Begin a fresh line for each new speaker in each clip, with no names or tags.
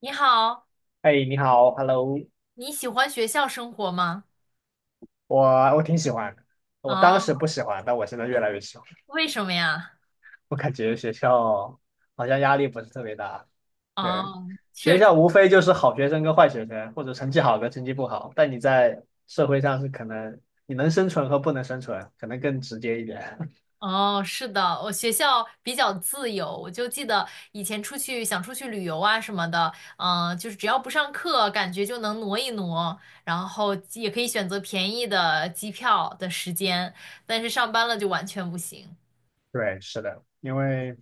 你好，
哎，你好，Hello。
你喜欢学校生活吗？
我我挺喜欢的，我当时
啊，
不喜欢，但我现在越来越喜欢。
为什么呀？
我感觉学校好像压力不是特别大，对，
哦，确
学
实，
校无非就是好学生跟坏学生，或者成绩好跟成绩不好。但你在社会上是可能你能生存和不能生存，可能更直接一点。
哦，是的，我学校比较自由，我就记得以前出去想出去旅游啊什么的，就是只要不上课，感觉就能挪一挪，然后也可以选择便宜的机票的时间，但是上班了就完全不行。
对，是的，因为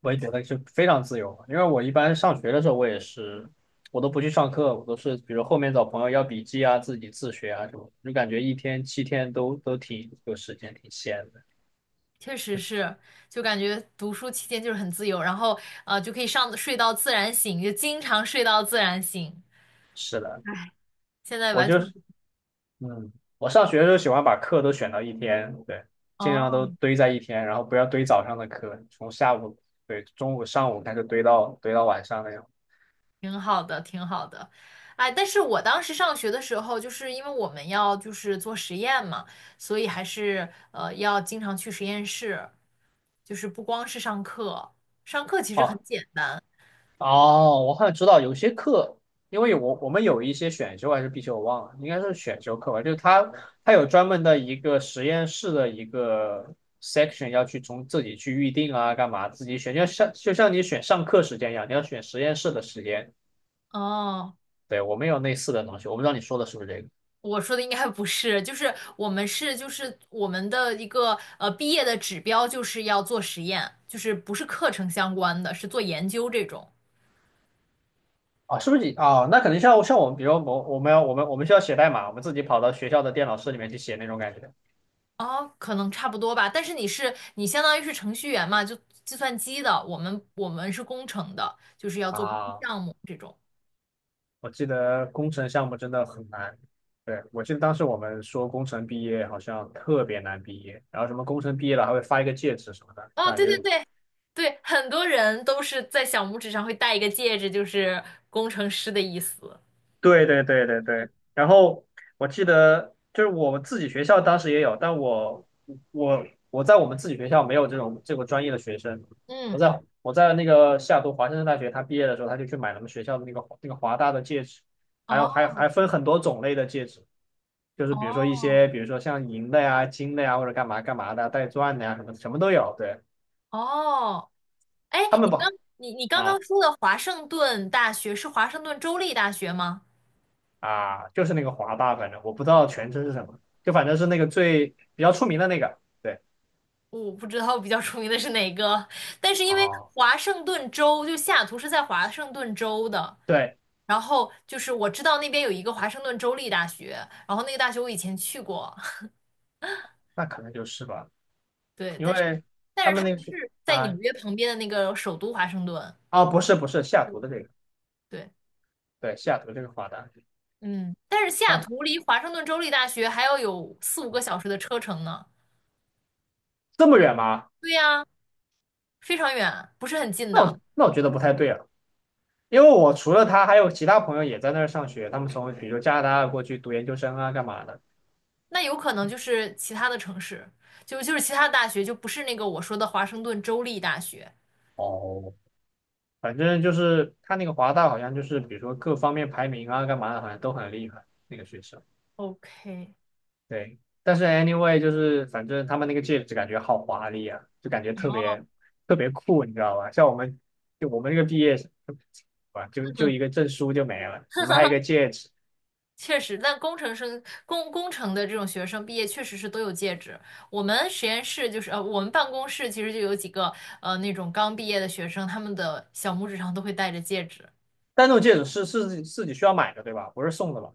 我也觉得就非常自由，因为我一般上学的时候，我也是，我都不去上课，我都是比如后面找朋友要笔记啊，自己自学啊什么的就感觉一天七天都挺有时间，挺闲的。
确实
就是
是，就感觉读书期间就是很自由，然后就可以上睡到自然醒，就经常睡到自然醒。
是的，
现在
我
完
就
全
是，
不
嗯，我上学的时候喜欢把课都选到一天，对，尽量都
哦，
堆在一天，然后不要堆早上的课，从下午，对，中午、上午开始堆到晚上那样。
挺好的，挺好的。哎，但是我当时上学的时候，就是因为我们要就是做实验嘛，所以还是要经常去实验室，就是不光是上课，上课其实很
哦，
简单。
哦，我好像知道有些课，因为我们有一些选修还是必修，我忘了，应该是选修课吧。就是它有专门的一个实验室的一个 section 要去从自己去预定啊，干嘛自己选，就像你选上课时间一样，你要选实验室的时间。
哦，
对，我们有类似的东西，我不知道你说的是不是这个
我说的应该不是，就是我们是就是我们的一个毕业的指标就是要做实验，就是不是课程相关的，是做研究这种。
啊？是不是你啊？那可能像我们，比如我们需要写代码，我们自己跑到学校的电脑室里面去写那种感觉
哦，可能差不多吧，但是你相当于是程序员嘛，就计算机的，我们是工程的，就是要做工程
啊。
项目这种。
我记得工程项目真的很难。对，我记得当时我们说工程毕业好像特别难毕业，然后什么工程毕业了还会发一个戒指什么的，就
哦，
感
对对
觉
对对，很多人都是在小拇指上会戴一个戒指，就是工程师的意思。
对对对对对，然后我记得就是我们自己学校当时也有，但我我我在我们自己学校没有这种这个专业的学生。
嗯，
我在那个西雅图华盛顿大学，他毕业的时候他就去买了我们学校的那个华大的戒指，还有还
哦
还分很多种类的戒指，就是比如说一
哦
些，比如说像银的呀、金的呀，或者干嘛干嘛的，带钻的呀，什么什么都有。对，
哦，哎，
他
你
们不
刚
好
你你刚刚
啊
说的华盛顿大学是华盛顿州立大学吗？
啊，就是那个华霸，反正我不知道全称是什么，就反正是那个最比较出名的那个。对，
我不知道比较出名的是哪个，但是因为
啊，
华盛顿州就西雅图是在华盛顿州的。
对，
然后就是我知道那边有一个华盛顿州立大学，然后那个大学我以前去过，
那可能就是吧，
对，
因
但是
为
但
他
是
们
它
那个
不
是
是在纽
啊
约旁边的那个首都华盛顿，
啊，不是西雅图的这个，
对，
对，西雅图这个华大
嗯，但是西雅
啊，
图离华盛顿州立大学还要有四五个小时的车程呢，
这么远吗？
对呀，非常远，不是很近
那
的，
我那我觉得不太对啊，因为我除了他，还有其他朋友也在那儿上学，他们从比如说加拿大过去读研究生啊，干嘛的。
那有可能就是其他的城市，就就是其他大学，就不是那个我说的华盛顿州立大学。
哦，反正就是他那个华大好像就是，比如说各方面排名啊，干嘛的，好像都很厉害那个学校。
OK，
对，但是 anyway 就是反正他们那个戒指感觉好华丽啊，就感觉特别特别酷，你知道吧？像我们就我们这个毕业生，啊，就一个证书就没了，你们还有一个戒指，
确实，但工程的这种学生毕业确实是都有戒指。我们实验室就是我们办公室其实就有几个那种刚毕业的学生，他们的小拇指上都会戴着戒指。
但那种戒指是自己需要买的，对吧？不是送的吧？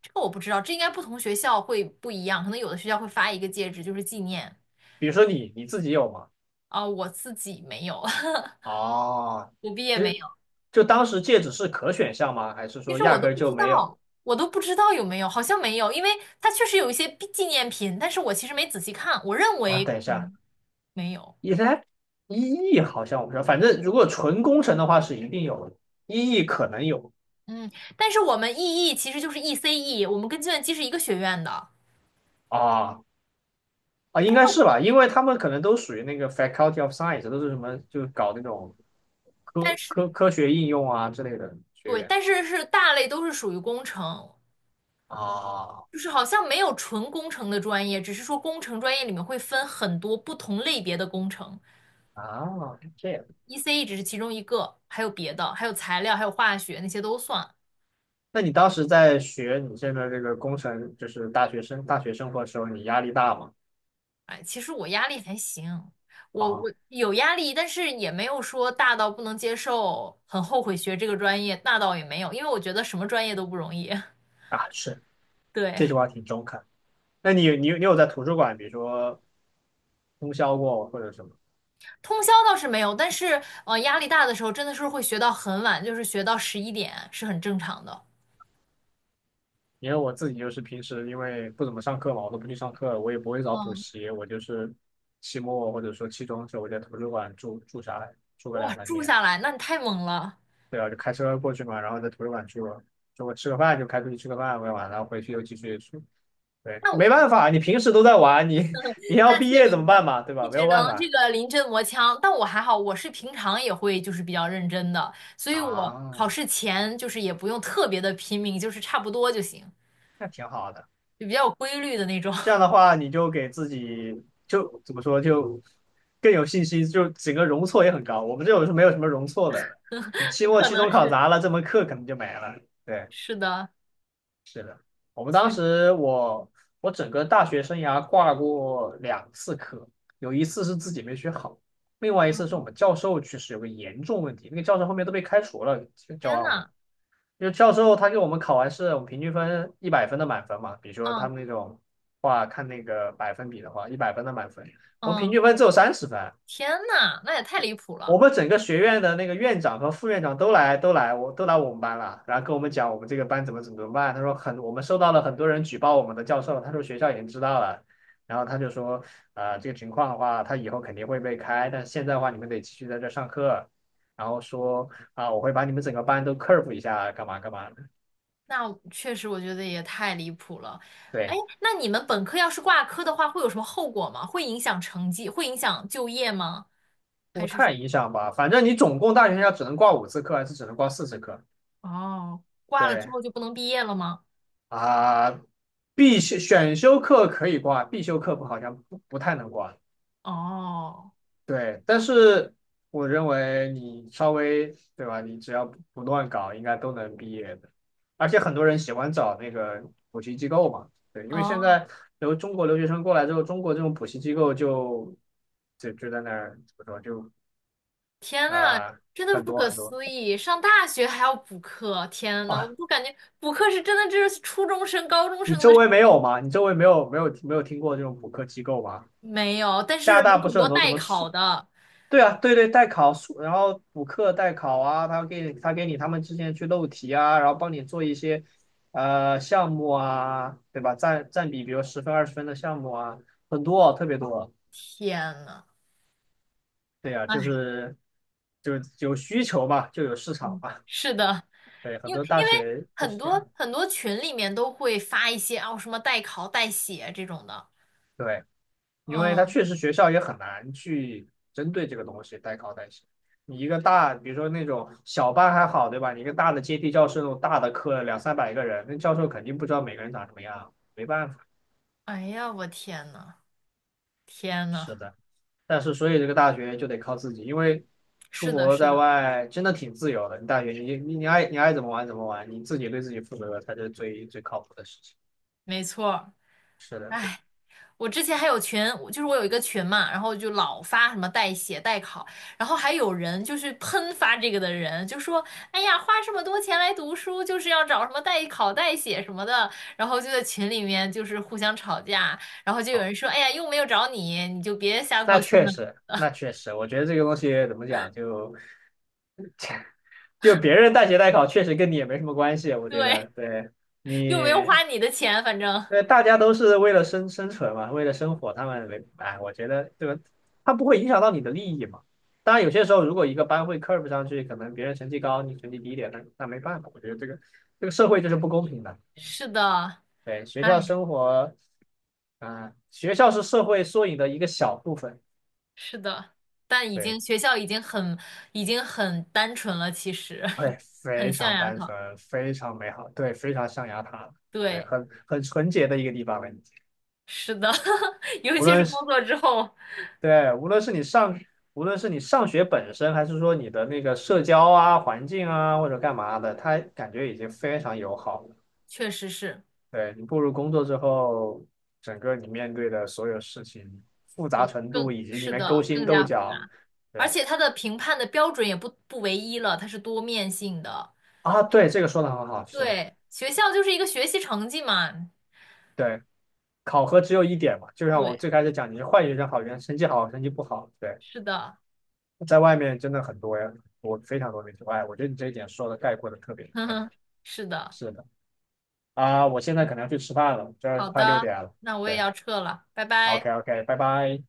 这个我不知道，这应该不同学校会不一样，可能有的学校会发一个戒指就是纪念
比如说你自己有吗？
啊，我自己没有，
哦，
我毕业
就
没有。
就当时戒指是可选项吗？还是
其
说
实
压
我都
根儿
不
就
知
没
道，
有？
我都不知道有没有，好像没有，因为它确实有一些纪念品，但是我其实没仔细看，我认
啊，
为
等一
可
下。
能没有。
一才一亿，好像我不知道，反正如果纯工程的话是一定有的，一亿可能有
嗯，但是我们 EE 其实就是 ECE，我们跟计算机是一个学院的，
啊啊，应该是吧，因为他们可能都属于那个 Faculty of Science，都是什么就是搞那种
但
科
是
科科学应用啊之类的学
对，
院
但是是大类都是属于工程，
啊
就是好像没有纯工程的专业，只是说工程专业里面会分很多不同类别的工程
啊，这样。
，ECE 只是其中一个，还有别的，还有材料，还有化学那些都算。
那你当时在学你现在这个工程，就是大学生活的时候，你压力大吗？
哎，其实我压力还行，我
啊
有压力，但是也没有说大到不能接受，很后悔学这个专业，那倒也没有，因为我觉得什么专业都不容易，
啊，是，
对。
这句话挺中肯。那你有在图书馆，比如说通宵过或者什么？
通宵倒是没有，但是压力大的时候真的是会学到很晚，就是学到11点是很正常的。
因为我自己就是平时因为不怎么上课嘛，我都不去上课，我也不会找补
嗯，
习，我就是期末或者说期中的时候，我在图书馆住下来，住个
哇，
两三
住
天，
下来，那你太猛了。
对啊，就开车过去嘛，然后在图书馆住了，中午吃个饭就开出去吃个饭，玩完了回去又继续住。对，
那
没
我
办法，你平时都在玩，你 你要
那
毕
确
业怎
实，
么办嘛，对
你
吧？没有
只
办
能这
法
个临阵磨枪。但我还好，我是平常也会就是比较认真的，所以我考
啊，
试前就是也不用特别的拼命，就是差不多就行，
那挺好的。
就比较有规律的那种。
这样的话，你就给自己就怎么说，就更有信心，就整个容错也很高。我们这种是没有什么容错的，你期 末、
可
期
能
中考
是
砸了，这门课可能就没了。对，
是的，
我们
确
当
实。
时我整个大学生涯挂过两次科，有一次是自己没学好，另外一次是我
嗯，
们教授去世有个严重问题，那个教授后面都被开除了，教
天
完我们。
呐，
就教授他给我们考完试，我们平均分一百分的满分嘛。比如说他
嗯
们那种话，看那个百分比的话，一百分的满分，我们平
嗯，
均分只有30分。
天呐，那也太离谱
我
了。
们整个学院的那个院长和副院长都来，都来，我都来我们班了，然后跟我们讲我们这个班怎么怎么怎么办。他说很，我们收到了很多人举报我们的教授，他说学校已经知道了，然后他就说啊，这个情况的话，他以后肯定会被开，但是现在的话，你们得继续在这上课，然后说啊、我会把你们整个班都 curve 一下，干嘛干嘛的。
那确实，我觉得也太离谱了。哎，
对，
那你们本科要是挂科的话，会有什么后果吗？会影响成绩，会影响就业吗？还
不
是
太
什
影响吧，反正你总共大学要只能挂五次课，还是只能挂四次课？
么哦，挂了之
对
后就不能毕业了吗？
啊，必修选修课可以挂，必修课不好像不太能挂。
哦
对，但是我认为你稍微对吧，你只要不乱搞，应该都能毕业的。而且很多人喜欢找那个补习机构嘛，对，因为现
哦，
在留中国留学生过来之后，中国这种补习机构就就在那儿怎么说就
天呐，
啊、
真的是
很
不
多
可
很多。
思议！上大学还要补课，天呐，我
啊，
就感觉补课是真的，这是初中生、高中
你
生
周
的事
围没有吗？你周围没有听过这种补课机构吗？
没有，但
加拿
是
大
有
不
很
是很
多
多什
代
么
考
数？
的，
对啊，对对，代考数然后补课代考啊，他给你他给你他们之前去漏题啊，然后帮你做一些项目啊，对吧？占比，比如十分20分的项目啊，很多，特别多。
天呐，
对呀，啊
哎，
就是就有需求嘛，就有市场
嗯
嘛。
是的，
对，很
因为
多大
因为
学就
很
是这
多
样。
很多群里面都会发一些哦什么代考代写这种的，
对。因为它
嗯，
确实学校也很难去针对这个东西代考代写。你一个大，比如说那种小班还好，对吧？你一个大的阶梯教室那种大的课，两三百个人，那教授肯定不知道每个人长什么样，没办法。
哎呀，我天呐，天呐，
是的，但是所以这个大学就得靠自己，因为出
是的，
国
是
在
的，
外真的挺自由的。你大学你爱怎么玩怎么玩，你自己对自己负责才是最最靠谱的事情。
没错儿
是的，
我之前还有群，我就是我有一个群嘛，然后就老发什么代写、代考，然后还有人就是喷发这个的人，就说：“哎呀，花这么多钱来读书，就是要找什么代考、代写什么的。”然后就在群里面就是互相吵架，然后就有人说：“哎呀，又没有找你，你就别瞎
那
操心
确
了。”
实，那确实，我觉得这个东西怎么讲就。就别人代学代考确实跟你也没什么关系，我觉
对，
得，对你，
又没有花你的钱，反正
对大家都是为了生存嘛，为了生活，他们没，哎，我觉得对吧？他不会影响到你的利益嘛。当然，有些时候如果一个班会 curve 上去，可能别人成绩高，你成绩低一点，那没办法，我觉得这个社会就是不公平的。
是的，
对，学
哎，
校生活，啊、学校是社会缩影的一个小部分。
是的，但已
对，
经学校已经很单纯了，其实
对，非
很象
常
牙
单
塔。
纯，非常美好，对，非常象牙塔，对，
对，
很纯洁的一个地方了。
是的，尤
无
其是
论是
工作之后，
对，无论是你上，无论是你上学本身，还是说你的那个社交啊、环境啊，或者干嘛的，它感觉已经非常友好了。
确实是
对，你步入工作之后，整个你面对的所有事情复杂
就
程度
更
以及里
是
面勾
的
心
更
斗
加复杂，
角，
而
对
且它的评判的标准也不唯一了，它是多面性的。
啊，对，这个说的很好，是的，
对，学校就是一个学习成绩嘛。
对，考核只有一点嘛，就像我
对，
最开始讲，你是坏学生、好学生，成绩好、成绩不好，对，
是的，
在外面真的很多呀，我非常多那种，哎，我觉得你这一点说的概括的特别特
哼
别好，
哼，是的，
是的。啊，我现在可能要去吃饭了，这儿
好
快六
的，
点了。
那我也
对
要撤了，拜拜。
，OK OK，拜拜。